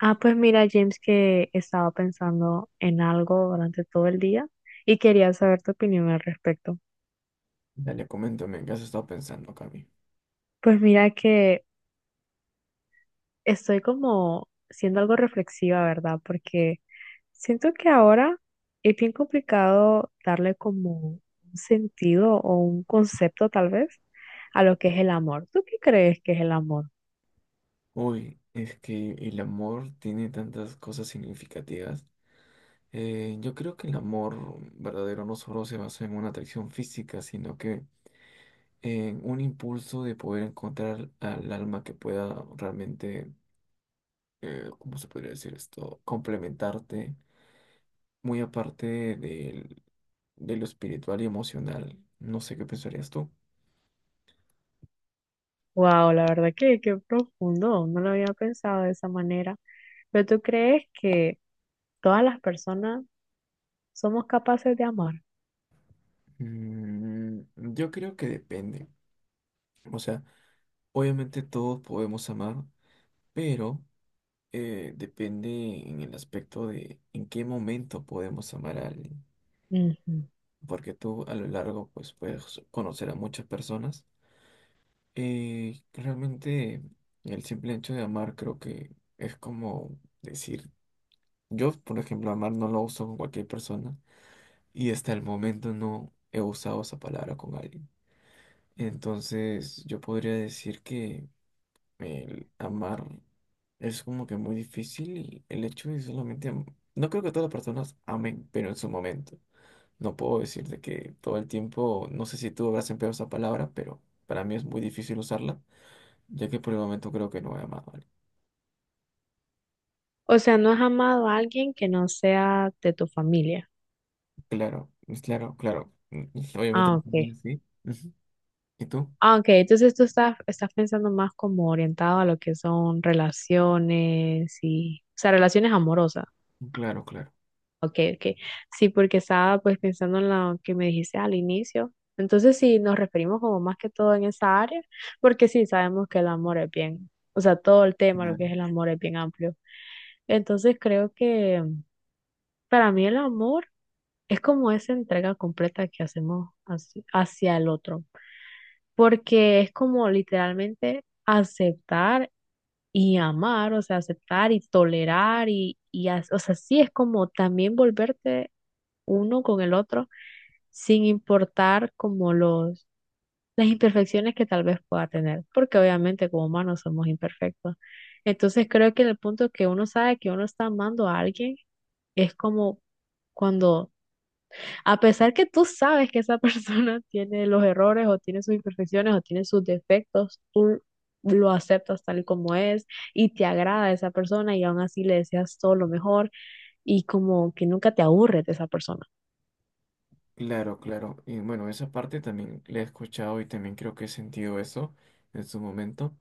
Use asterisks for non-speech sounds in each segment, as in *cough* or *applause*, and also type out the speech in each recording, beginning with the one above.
Ah, pues mira, James, que estaba pensando en algo durante todo el día y quería saber tu opinión al respecto. Dale, coméntame, ¿en qué has estado pensando, Cami? Pues mira que estoy como siendo algo reflexiva, ¿verdad? Porque siento que ahora es bien complicado darle como un sentido o un concepto tal vez a lo que es el amor. ¿Tú qué crees que es el amor? Uy, es que el amor tiene tantas cosas significativas. Yo creo que el amor verdadero no solo se basa en una atracción física, sino que en un impulso de poder encontrar al alma que pueda realmente, ¿cómo se podría decir esto? Complementarte, muy aparte de lo espiritual y emocional. No sé qué pensarías tú. Wow, la verdad que qué profundo, no lo había pensado de esa manera. Pero ¿tú crees que todas las personas somos capaces de amar? Mm, yo creo que depende. O sea, obviamente todos podemos amar, pero depende en el aspecto de en qué momento podemos amar a alguien. Ujú. Porque tú a lo largo pues puedes conocer a muchas personas. Realmente el simple hecho de amar creo que es como decir, yo por ejemplo amar no lo uso con cualquier persona y hasta el momento no he usado esa palabra con alguien. Entonces yo podría decir que el amar es como que muy difícil y el hecho de no creo que todas las personas amen, pero en su momento. No puedo decirte que todo el tiempo, no sé si tú habrás empleado esa palabra, pero para mí es muy difícil usarla, ya que por el momento creo que no he amado a alguien. O sea, ¿no has amado a alguien que no sea de tu familia? Claro, claro, claro. Mm, obviamente Ah, también ok. así. Ujú. ¿Y tú? Ah, ok. Entonces tú estás pensando más como orientado a lo que son relaciones y, o sea, relaciones amorosas. Claro, claro. Ok, ok. Sí, porque estaba pues pensando en lo que me dijiste al inicio. Entonces, sí, nos referimos como más que todo en esa área, porque sí sabemos que el amor es bien, o sea, todo el tema, lo que Claro. es el amor es bien amplio. Entonces, creo que para mí el amor es como esa entrega completa que hacemos hacia el otro, porque es como literalmente aceptar y amar, o sea, aceptar y tolerar o sea, sí es como también volverte uno con el otro, sin importar como los, las imperfecciones que tal vez pueda tener, porque obviamente como humanos somos imperfectos. Entonces creo que en el punto que uno sabe que uno está amando a alguien, es como cuando, a pesar que tú sabes que esa persona *laughs* tiene los errores o tiene sus imperfecciones o tiene sus defectos, tú lo aceptas tal y como es y te agrada esa persona y aún así le deseas todo lo mejor y como que nunca te aburres de esa persona. Claro, claro. Y bueno, esa parte también la he escuchado y también creo que he sentido eso en su momento.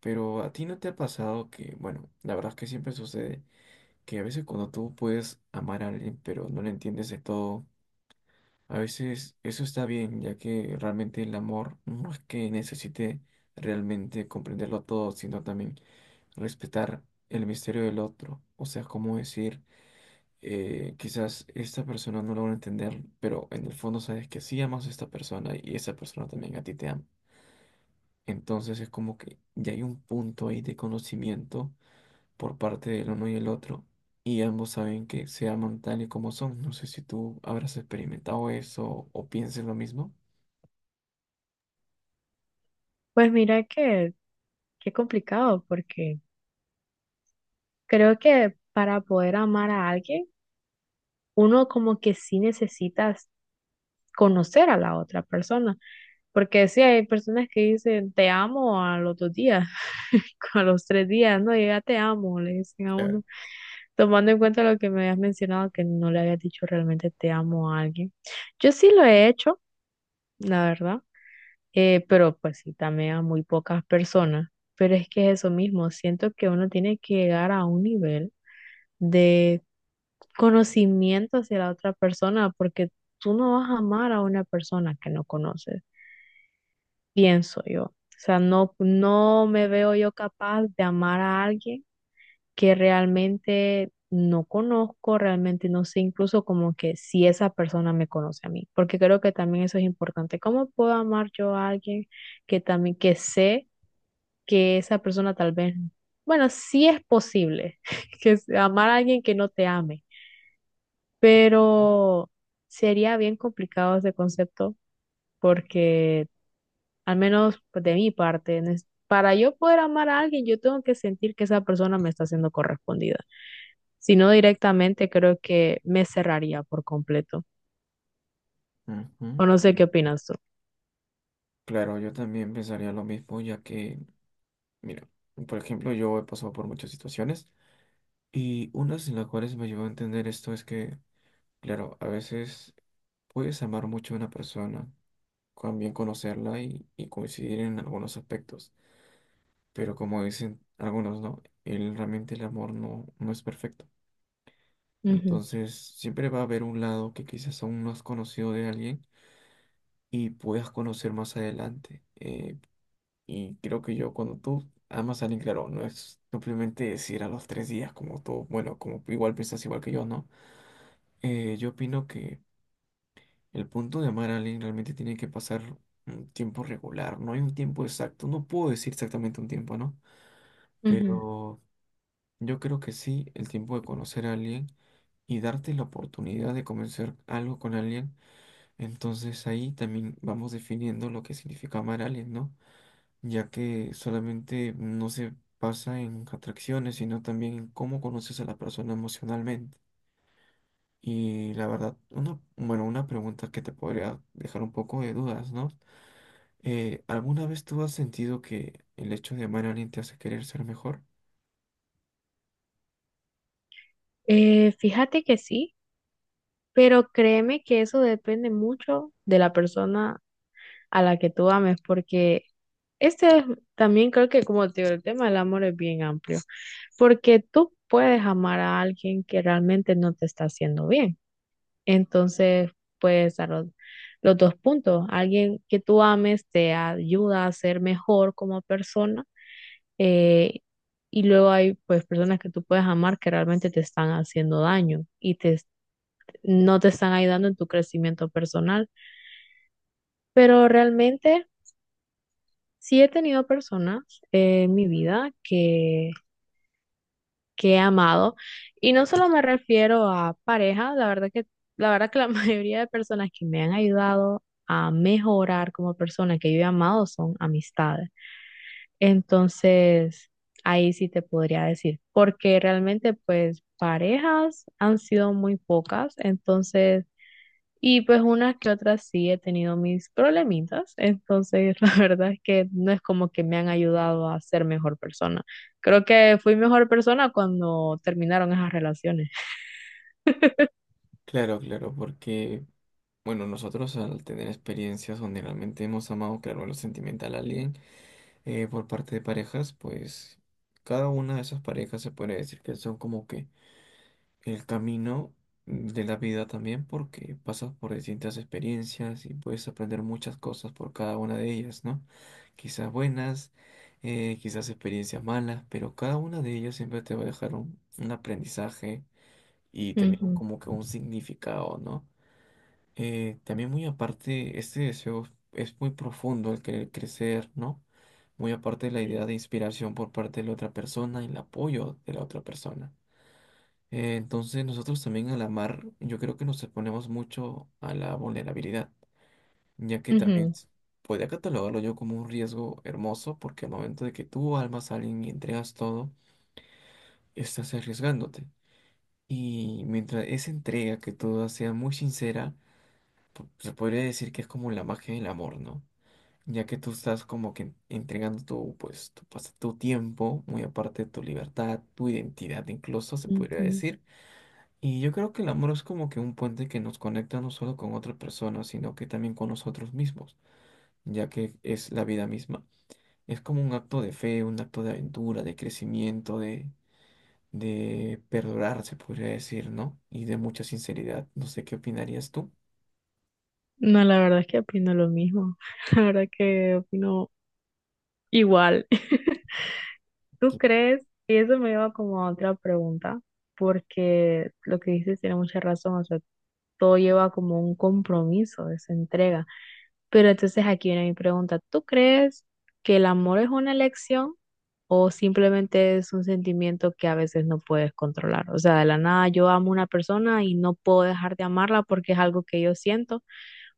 Pero a ti no te ha pasado que, bueno, la verdad es que siempre sucede que a veces cuando tú puedes amar a alguien pero no le entiendes de todo, a veces eso está bien, ya que realmente el amor no es que necesite realmente comprenderlo todo, sino también respetar el misterio del otro. O sea, como decir, quizás esta persona no lo van a entender, pero en el fondo sabes que sí amas a esta persona y esa persona también a ti te ama. Entonces es como que ya hay un punto ahí de conocimiento por parte del uno y el otro y ambos saben que se aman tal y como son. No sé si tú habrás experimentado eso o pienses lo mismo. Pues mira que qué complicado, porque creo que para poder amar a alguien, uno como que sí necesitas conocer a la otra persona, porque sí hay personas que dicen te amo a los dos días, *laughs* a los tres días, no, yo ya te amo, le dicen a uno, tomando en cuenta lo que me habías mencionado, que no le habías dicho realmente te amo a alguien. Yo sí lo he hecho, la verdad, pero pues sí, también a muy pocas personas, pero es que es eso mismo, siento que uno tiene que llegar a un nivel de conocimiento hacia la otra persona, porque tú no vas a amar a una persona que no conoces, pienso yo. O sea, no me veo yo capaz de amar a alguien que realmente no conozco, realmente no sé incluso como que si esa persona me conoce a mí, porque creo que también eso es importante. ¿Cómo puedo amar yo a alguien que también, que sé que esa persona tal vez, bueno, sí es posible *laughs* que amar a alguien que no te ame? Pero sería bien complicado ese concepto porque, al menos pues, de mi parte, para yo poder amar a alguien, yo tengo que sentir que esa persona me está siendo correspondida. Si no directamente, creo que me cerraría por completo. Ujú. O no sé qué opinas tú. Claro, yo también pensaría lo mismo, ya que, mira, por ejemplo, yo he pasado por muchas situaciones y unas en las cuales me llevó a entender esto es que, claro, a veces puedes amar mucho a una persona, también conocerla y coincidir en algunos aspectos. Pero como dicen algunos, ¿no? El, realmente el amor no es perfecto. Ujú, Entonces, siempre va a haber un lado que quizás aún no has conocido de alguien y puedas conocer más adelante. Y creo que yo, cuando tú amas a alguien, claro, no es simplemente decir a los tres días como tú, bueno, como igual piensas igual que yo, ¿no? Yo opino que el punto de amar a alguien realmente tiene que pasar un tiempo regular, no hay un tiempo exacto, no puedo decir exactamente un tiempo, ¿no? ujú. Pero yo creo que sí, el tiempo de conocer a alguien y darte la oportunidad de comenzar algo con alguien, entonces ahí también vamos definiendo lo que significa amar a alguien, ¿no? Ya que solamente no se pasa en atracciones, sino también en cómo conoces a la persona emocionalmente. Y la verdad, bueno, una pregunta que te podría dejar un poco de dudas, ¿no? ¿Alguna vez tú has sentido que el hecho de amar a alguien te hace querer ser mejor? Fíjate que sí, pero créeme que eso depende mucho de la persona a la que tú ames, porque Este es también creo que como te digo, el tema del amor es bien amplio, porque tú puedes amar a alguien que realmente no te está haciendo bien. Entonces, puedes dar los dos puntos. Alguien que tú ames te ayuda a ser mejor como persona, eh, y luego hay pues personas que tú puedes amar que realmente te están haciendo daño y no te están ayudando en tu crecimiento personal. Pero realmente sí he tenido personas en mi vida que he amado. Y no solo me refiero a pareja, la verdad que la *laughs* mayoría de personas que me han ayudado a mejorar como persona que yo he amado son amistades. Entonces, ahí sí te podría decir, porque realmente pues parejas han sido muy pocas, entonces... Y pues unas que otras sí he tenido mis problemitas, entonces *laughs* la verdad es que no es como que me han ayudado a ser mejor persona. Creo que fui mejor persona cuando terminaron esas relaciones. Claro, claro, porque bueno, nosotros al tener experiencias donde realmente hemos amado, claro, en lo sentimental a alguien por parte de parejas, pues cada una de esas parejas se puede decir que son como que el camino de la vida también porque pasas por distintas experiencias y puedes aprender muchas cosas por cada una de ellas, ¿no? Quizás buenas, quizás experiencias malas, pero cada una de ellas siempre te va a dejar un aprendizaje y también Ujú. como que un significado, ¿no? También muy aparte, este deseo es muy profundo, el querer crecer, ¿no? Muy aparte de la Sí. idea de inspiración por parte de la otra persona, y el apoyo de la otra persona. Entonces nosotros también al amar, yo creo que nos exponemos mucho a la vulnerabilidad, ya que también Ujú, podría catalogarlo yo como un riesgo hermoso, porque al momento de que tú almas a alguien y entregas todo, estás arriesgándote. Y mientras esa entrega que tú das sea muy sincera, se podría decir que es como la magia del amor, ¿no? Ya que tú estás como que entregando pues, tu tiempo, muy aparte de tu libertad, tu identidad incluso, se podría ujú. decir. Y yo creo que el amor es como que un puente que nos conecta no solo con otra persona, sino que también con nosotros mismos, ya que es la vida misma. Es como un acto de fe, un acto de aventura, de crecimiento, de perdurar, se podría decir, ¿no? Y de mucha sinceridad. No sé qué opinarías tú. No, la verdad es que opino lo mismo. *laughs* La verdad que opino igual. *laughs* ¿Tú Claro. crees? Y eso me lleva como a otra pregunta, porque lo que dices tiene mucha razón, o sea, todo lleva como un compromiso, esa entrega. Pero entonces aquí viene mi pregunta, ¿tú crees que el amor es una elección o simplemente es un sentimiento que a veces no puedes controlar? O sea, de la nada yo amo a una persona y no puedo dejar de amarla porque es algo que yo siento,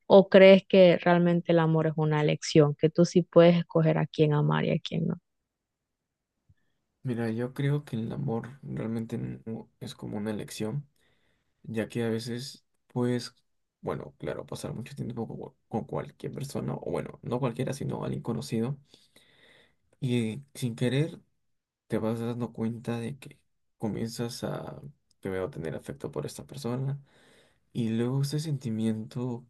¿o crees que realmente el amor es una elección, que tú sí puedes escoger a quién amar y a quién no? Mira, yo creo que el amor realmente no es como una elección, ya que a veces bueno, claro, pasar mucho tiempo con cualquier persona, o bueno, no cualquiera, sino alguien conocido, y sin querer te vas dando cuenta de que comienzas a primero tener afecto por esta persona, y luego ese sentimiento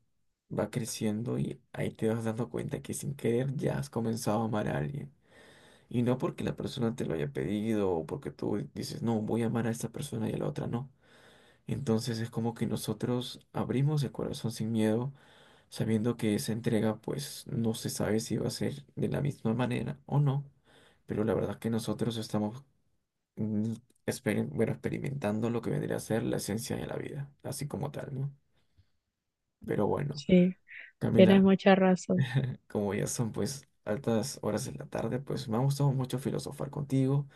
va creciendo y ahí te vas dando cuenta que sin querer ya has comenzado a amar a alguien. Y no porque la persona te lo haya pedido o porque tú dices, no, voy a amar a esta persona y a la otra no, entonces es como que nosotros abrimos el corazón sin miedo, sabiendo que esa entrega pues no se sabe si va a ser de la misma manera o no, pero la verdad que nosotros estamos mm, bueno, experimentando lo que vendría a ser la esencia de la vida, así como tal, ¿no? Pero bueno, Sí, tienes Camila, mucha razón. como ya son pues altas horas de la tarde, pues me ha gustado mucho filosofar contigo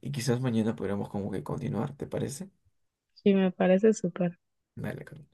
y quizás mañana podremos como que continuar, ¿te parece? Sí, me parece súper. Dale, Camila.